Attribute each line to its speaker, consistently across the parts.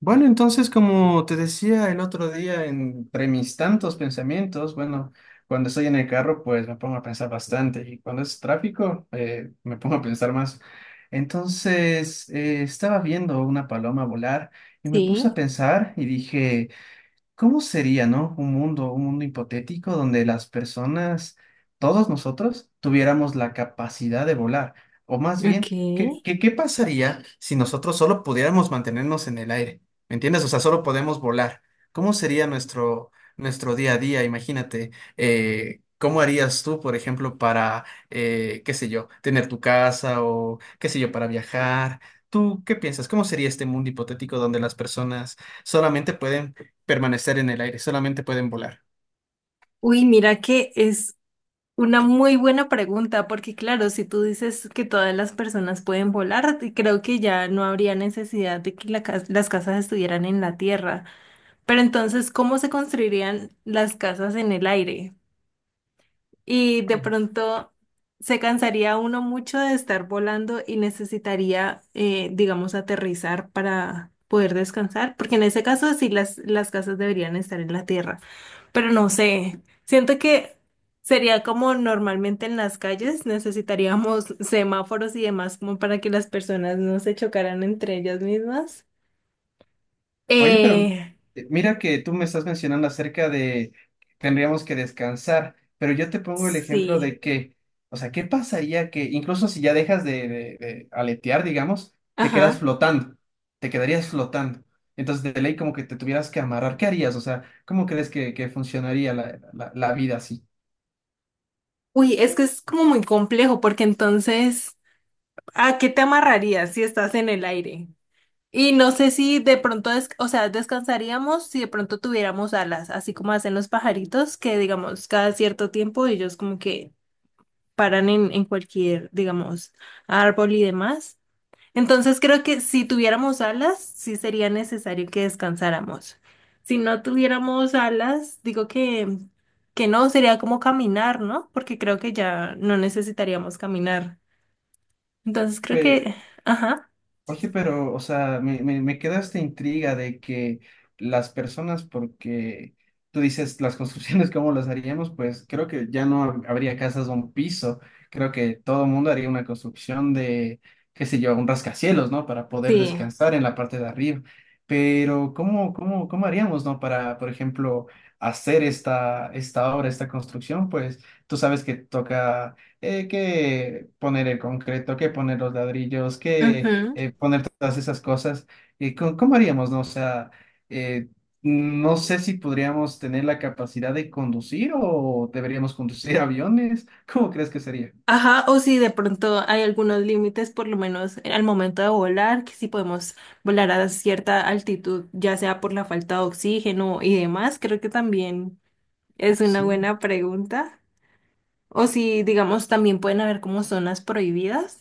Speaker 1: Bueno, entonces, como te decía el otro día, entre mis tantos pensamientos, bueno, cuando estoy en el carro, pues me pongo a pensar bastante y cuando es tráfico, me pongo a pensar más. Entonces, estaba viendo una paloma volar y me puse a
Speaker 2: Sí,
Speaker 1: pensar y dije, ¿cómo sería, no? Un mundo hipotético donde las personas, todos nosotros, tuviéramos la capacidad de volar. O más
Speaker 2: ok.
Speaker 1: bien, ¿qué, qué, qué pasaría si nosotros solo pudiéramos mantenernos en el aire? ¿Me entiendes? O sea, solo podemos volar. ¿Cómo sería nuestro, nuestro día a día? Imagínate, ¿cómo harías tú, por ejemplo, para, qué sé yo, tener tu casa o, qué sé yo, para viajar? ¿Tú qué piensas? ¿Cómo sería este mundo hipotético donde las personas solamente pueden permanecer en el aire, solamente pueden volar?
Speaker 2: Uy, mira que es una muy buena pregunta, porque claro, si tú dices que todas las personas pueden volar, creo que ya no habría necesidad de que las casas estuvieran en la tierra. Pero entonces, ¿cómo se construirían las casas en el aire? Y de
Speaker 1: Ajá.
Speaker 2: pronto se cansaría uno mucho de estar volando y necesitaría, digamos, aterrizar para poder descansar, porque en ese caso sí las casas deberían estar en la tierra. Pero no sé, siento que sería como normalmente en las calles, necesitaríamos semáforos y demás como para que las personas no se chocaran entre ellas mismas.
Speaker 1: Oye, pero
Speaker 2: Eh,
Speaker 1: mira que tú me estás mencionando acerca de que tendríamos que descansar, pero yo te pongo el ejemplo
Speaker 2: sí,
Speaker 1: de que, o sea, ¿qué pasaría que incluso si ya dejas de, de aletear, digamos, te quedas
Speaker 2: ajá.
Speaker 1: flotando, te quedarías flotando? Entonces, de ley, como que te tuvieras que amarrar, ¿qué harías? O sea, ¿cómo crees que funcionaría la, la vida así?
Speaker 2: Uy, es que es como muy complejo porque entonces, ¿a qué te amarrarías si estás en el aire? Y no sé si de pronto, o sea, descansaríamos si de pronto tuviéramos alas, así como hacen los pajaritos, que digamos cada cierto tiempo ellos como que paran en cualquier, digamos, árbol y demás. Entonces creo que si tuviéramos alas, sí sería necesario que descansáramos. Si no tuviéramos alas, digo que no, sería como caminar, ¿no? Porque creo que ya no necesitaríamos caminar. Entonces creo que, ajá,
Speaker 1: Oye, pero, o sea, me queda esta intriga de que las personas, porque tú dices las construcciones, ¿cómo las haríamos? Pues creo que ya no habría casas de un piso, creo que todo el mundo haría una construcción de, qué sé yo, un rascacielos, ¿no? Para poder
Speaker 2: sí.
Speaker 1: descansar en la parte de arriba. Pero, ¿cómo haríamos, ¿no? Para, por ejemplo, hacer esta, esta obra, esta construcción, pues tú sabes que toca... que poner el concreto, que poner los ladrillos, que poner todas esas cosas. Cómo haríamos, no? O sea, eh, no sé si podríamos tener la capacidad de conducir o deberíamos conducir aviones. ¿Cómo crees que sería?
Speaker 2: Ajá, o si de pronto hay algunos límites, por lo menos al momento de volar, que si podemos volar a cierta altitud, ya sea por la falta de oxígeno y demás, creo que también es una
Speaker 1: Sí.
Speaker 2: buena pregunta. O si, digamos, también pueden haber como zonas prohibidas,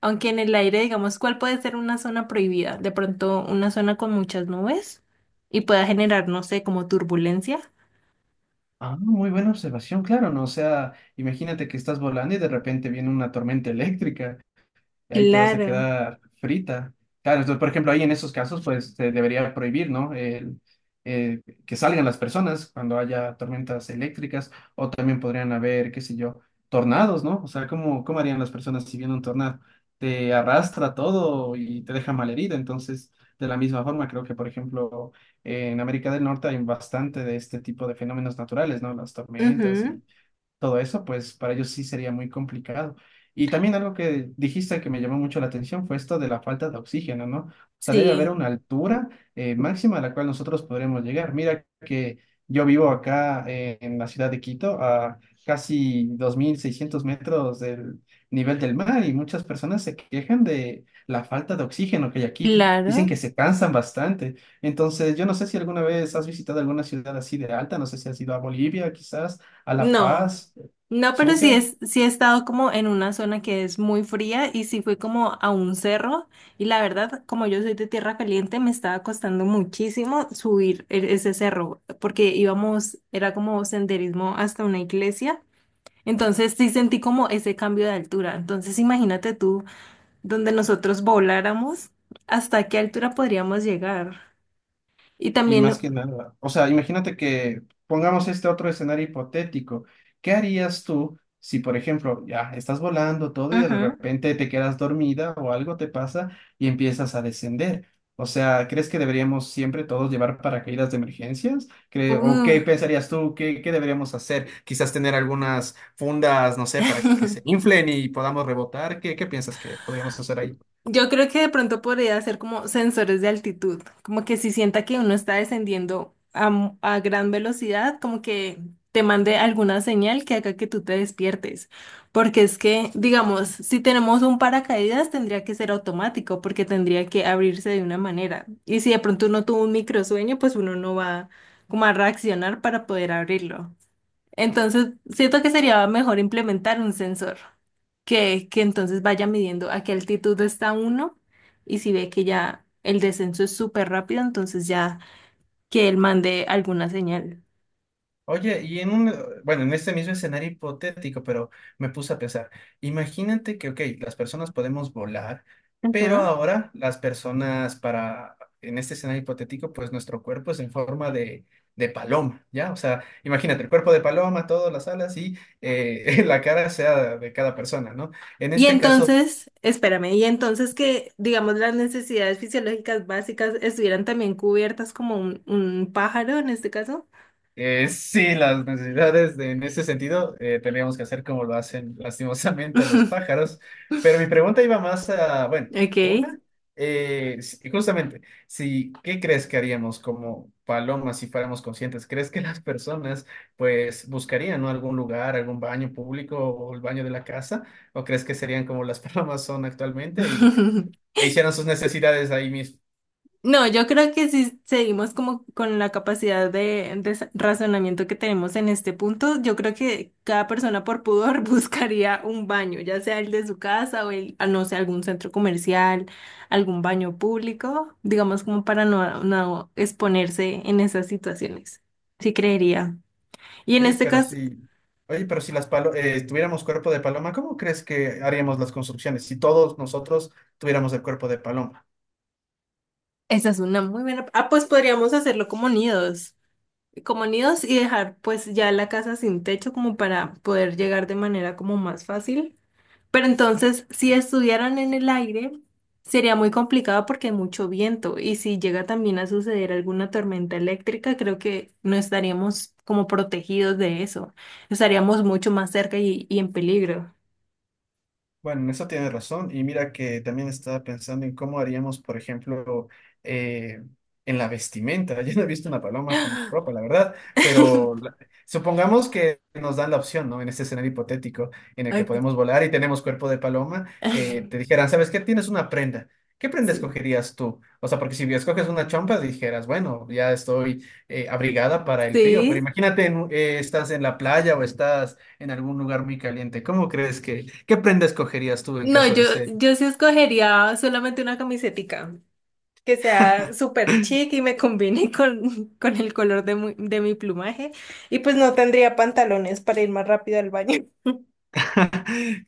Speaker 2: aunque en el aire, digamos, ¿cuál puede ser una zona prohibida? De pronto una zona con muchas nubes y pueda generar, no sé, como turbulencia.
Speaker 1: Ah, muy buena observación, claro, ¿no? O sea, imagínate que estás volando y de repente viene una tormenta eléctrica y ahí te vas a
Speaker 2: Claro.
Speaker 1: quedar frita. Claro, entonces, por ejemplo, ahí en esos casos, pues se debería prohibir, ¿no? El, eh, que salgan las personas cuando haya tormentas eléctricas o también podrían haber, qué sé yo, tornados, ¿no? O sea, cómo harían las personas si viene un tornado? Te arrastra todo y te deja malherida. Entonces, de la misma forma, creo que, por ejemplo, en América del Norte hay bastante de este tipo de fenómenos naturales, ¿no? Las tormentas
Speaker 2: Ujú,
Speaker 1: y todo eso, pues para ellos sí sería muy complicado. Y también algo que dijiste que me llamó mucho la atención fue esto de la falta de oxígeno, ¿no? O sea, debe haber
Speaker 2: sí,
Speaker 1: una altura máxima a la cual nosotros podremos llegar. Mira que yo vivo acá en la ciudad de Quito, a casi 2.600 metros del nivel del mar y muchas personas se quejan de la falta de oxígeno que hay aquí. Dicen
Speaker 2: claro.
Speaker 1: que se cansan bastante. Entonces, yo no sé si alguna vez has visitado alguna ciudad así de alta, no sé si has ido a Bolivia quizás a La
Speaker 2: No.
Speaker 1: Paz,
Speaker 2: No, pero sí,
Speaker 1: Sucre,
Speaker 2: sí he estado como en una zona que es muy fría y sí fui como a un cerro y la verdad, como yo soy de tierra caliente, me estaba costando muchísimo subir ese cerro porque íbamos, era como senderismo hasta una iglesia, entonces sí sentí como ese cambio de altura. Entonces imagínate tú, donde nosotros voláramos, ¿hasta qué altura podríamos llegar? Y
Speaker 1: y más
Speaker 2: también,
Speaker 1: que nada. O sea, imagínate que pongamos este otro escenario hipotético. ¿Qué harías tú si, por ejemplo, ya estás volando todo y de
Speaker 2: ujú,
Speaker 1: repente te quedas dormida o algo te pasa y empiezas a descender? O sea, ¿crees que deberíamos siempre todos llevar paracaídas de emergencias? O
Speaker 2: uh,
Speaker 1: qué pensarías tú? ¿Qué, qué deberíamos hacer? Quizás tener algunas fundas, no sé, para que se inflen y podamos rebotar. ¿Qué, qué piensas que podríamos hacer ahí?
Speaker 2: yo creo que de pronto podría ser como sensores de altitud, como que si sienta que uno está descendiendo a gran velocidad, como que te mande alguna señal que haga que tú te despiertes. Porque es que, digamos, si tenemos un paracaídas, tendría que ser automático, porque tendría que abrirse de una manera. Y si de pronto uno tuvo un microsueño, pues uno no va como a reaccionar para poder abrirlo. Entonces, siento que sería mejor implementar un sensor que entonces vaya midiendo a qué altitud está uno y si ve que ya el descenso es súper rápido, entonces ya que él mande alguna señal.
Speaker 1: Oye, y en un, bueno, en este mismo escenario hipotético, pero me puse a pensar, imagínate que, ok, las personas podemos volar, pero
Speaker 2: Ajá.
Speaker 1: ahora las personas para, en este escenario hipotético, pues nuestro cuerpo es en forma de paloma, ¿ya? O sea, imagínate, el cuerpo de paloma, todas las alas y la cara sea de cada persona, ¿no? En
Speaker 2: Y
Speaker 1: este caso,
Speaker 2: entonces, espérame, y entonces que, digamos, las necesidades fisiológicas básicas estuvieran también cubiertas como un pájaro en este caso.
Speaker 1: Sí, las necesidades en ese sentido tendríamos que hacer como lo hacen lastimosamente los pájaros, pero mi pregunta iba más a, bueno,
Speaker 2: Ok.
Speaker 1: una, justamente, si, ¿qué crees que haríamos como palomas si fuéramos conscientes? ¿Crees que las personas pues buscarían, ¿no? algún lugar, algún baño público o el baño de la casa? ¿O crees que serían como las palomas son actualmente y, e hicieran sus necesidades ahí mismo?
Speaker 2: No, yo creo que si seguimos como con la capacidad de razonamiento que tenemos en este punto, yo creo que cada persona por pudor buscaría un baño, ya sea el de su casa o el, no sé, algún centro comercial, algún baño público, digamos como para no, no exponerse en esas situaciones. Sí creería. Y en
Speaker 1: Oye,
Speaker 2: este
Speaker 1: pero
Speaker 2: caso,
Speaker 1: si, oye, pero si las tuviéramos cuerpo de paloma, ¿cómo crees que haríamos las construcciones si todos nosotros tuviéramos el cuerpo de paloma?
Speaker 2: esa es una muy buena. Ah, pues podríamos hacerlo como nidos y dejar pues ya la casa sin techo como para poder llegar de manera como más fácil. Pero entonces, si estuvieran en el aire, sería muy complicado porque hay mucho viento y si llega también a suceder alguna tormenta eléctrica, creo que no estaríamos como protegidos de eso. Estaríamos mucho más cerca y en peligro.
Speaker 1: Bueno, en eso tienes razón. Y mira que también estaba pensando en cómo haríamos, por ejemplo, eh, en la vestimenta. Yo no he visto una paloma con ropa, la verdad, pero supongamos que nos dan la opción, ¿no? En este escenario hipotético en el que
Speaker 2: Ok.
Speaker 1: podemos volar y tenemos cuerpo de paloma, te dijeran, ¿sabes qué? Tienes una prenda. ¿Qué prenda
Speaker 2: Sí.
Speaker 1: escogerías tú? O sea, porque si escoges una chompa, dijeras, bueno, ya estoy abrigada para el frío, pero
Speaker 2: Sí.
Speaker 1: imagínate, en estás en la playa o estás en algún lugar muy caliente. ¿Cómo crees que, qué prenda escogerías tú en
Speaker 2: No,
Speaker 1: caso
Speaker 2: yo,
Speaker 1: de ser
Speaker 2: yo sí escogería solamente una camisetica que sea súper chic y me combine con el color de mi plumaje y pues no tendría pantalones para ir más rápido al baño.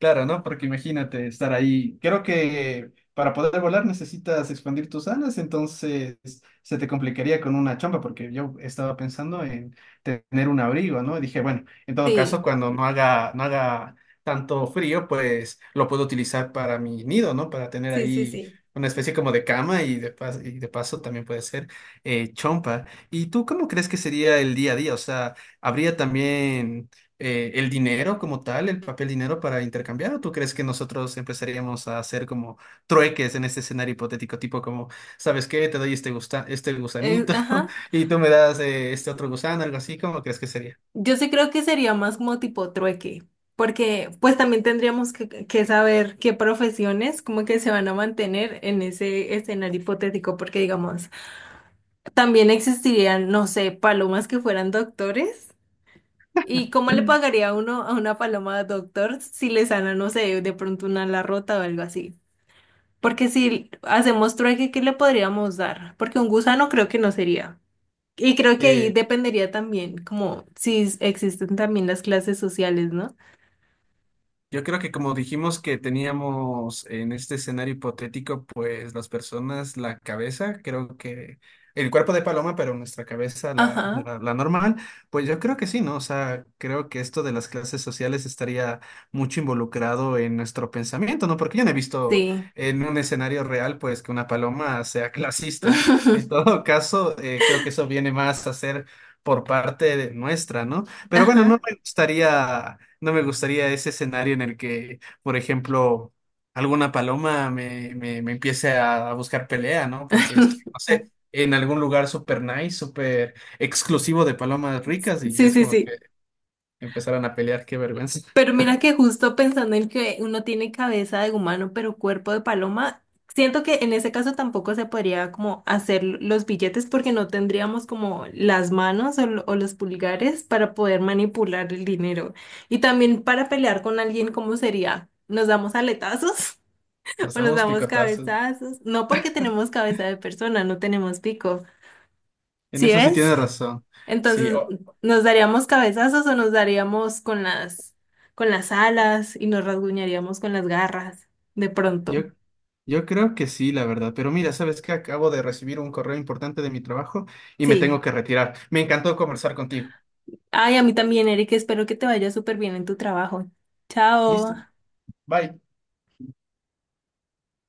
Speaker 1: Claro, ¿no? Porque imagínate estar ahí. Creo que para poder volar necesitas expandir tus alas, entonces se te complicaría con una chompa, porque yo estaba pensando en tener un abrigo, ¿no? Y dije, bueno, en todo caso,
Speaker 2: Sí,
Speaker 1: cuando no haga tanto frío, pues lo puedo utilizar para mi nido, ¿no? Para tener
Speaker 2: sí, sí,
Speaker 1: ahí
Speaker 2: sí.
Speaker 1: una especie como de cama y de y de paso también puede ser chompa. ¿Y tú cómo crees que sería el día a día? O sea, ¿habría también el dinero como tal, el papel dinero para intercambiar? ¿O tú crees que nosotros empezaríamos a hacer como trueques en este escenario hipotético? Tipo como, ¿sabes qué? Te doy este gusta este gusanito
Speaker 2: Ajá.
Speaker 1: y tú me das este otro gusano, algo así. ¿Cómo crees que sería?
Speaker 2: Yo sí creo que sería más como tipo trueque, porque pues también tendríamos que saber qué profesiones como que se van a mantener en ese escenario hipotético, porque digamos, también existirían, no sé, palomas que fueran doctores. ¿Y cómo le pagaría uno a una paloma doctor si le sana, no sé, de pronto una ala rota o algo así? Porque si hacemos trueque, ¿qué le podríamos dar? Porque un gusano creo que no sería. Y creo que ahí dependería también, como si existen también las clases sociales, ¿no?
Speaker 1: Yo creo que como dijimos que teníamos en este escenario hipotético, pues las personas, la cabeza, creo que el cuerpo de paloma, pero nuestra cabeza,
Speaker 2: Ajá,
Speaker 1: la normal, pues yo creo que sí, ¿no? O sea, creo que esto de las clases sociales estaría mucho involucrado en nuestro pensamiento, ¿no? Porque yo no he visto
Speaker 2: sí.
Speaker 1: en un escenario real, pues, que una paloma sea clasista. En todo caso, creo que eso viene más a ser por parte de nuestra, ¿no? Pero bueno,
Speaker 2: Ajá.
Speaker 1: no me gustaría ese escenario en el que, por ejemplo, alguna paloma me empiece a buscar pelea, ¿no? Porque estoy, no sé, en algún lugar súper nice, súper exclusivo de palomas ricas y
Speaker 2: Sí,
Speaker 1: es
Speaker 2: sí,
Speaker 1: como
Speaker 2: sí.
Speaker 1: que empezaran a pelear, qué vergüenza.
Speaker 2: Pero mira que justo pensando en que uno tiene cabeza de humano, pero cuerpo de paloma, siento que en ese caso tampoco se podría como hacer los billetes porque no tendríamos como las manos o los pulgares para poder manipular el dinero. Y también para pelear con alguien, ¿cómo sería? ¿Nos damos aletazos?
Speaker 1: Nos
Speaker 2: O nos
Speaker 1: damos
Speaker 2: damos
Speaker 1: picotazos.
Speaker 2: cabezazos. No porque tenemos cabeza de persona, no tenemos pico.
Speaker 1: En
Speaker 2: ¿Sí
Speaker 1: eso sí
Speaker 2: ves?
Speaker 1: tienes razón. Sí,
Speaker 2: Entonces, nos daríamos cabezazos o nos daríamos con las alas y nos rasguñaríamos con las garras. De
Speaker 1: yo,
Speaker 2: pronto.
Speaker 1: yo creo que sí, la verdad. Pero mira, ¿sabes qué? Acabo de recibir un correo importante de mi trabajo y me tengo
Speaker 2: Sí.
Speaker 1: que retirar. Me encantó conversar contigo.
Speaker 2: Ay, a mí también, Eric. Espero que te vaya súper bien en tu trabajo. Chao.
Speaker 1: Listo. Bye.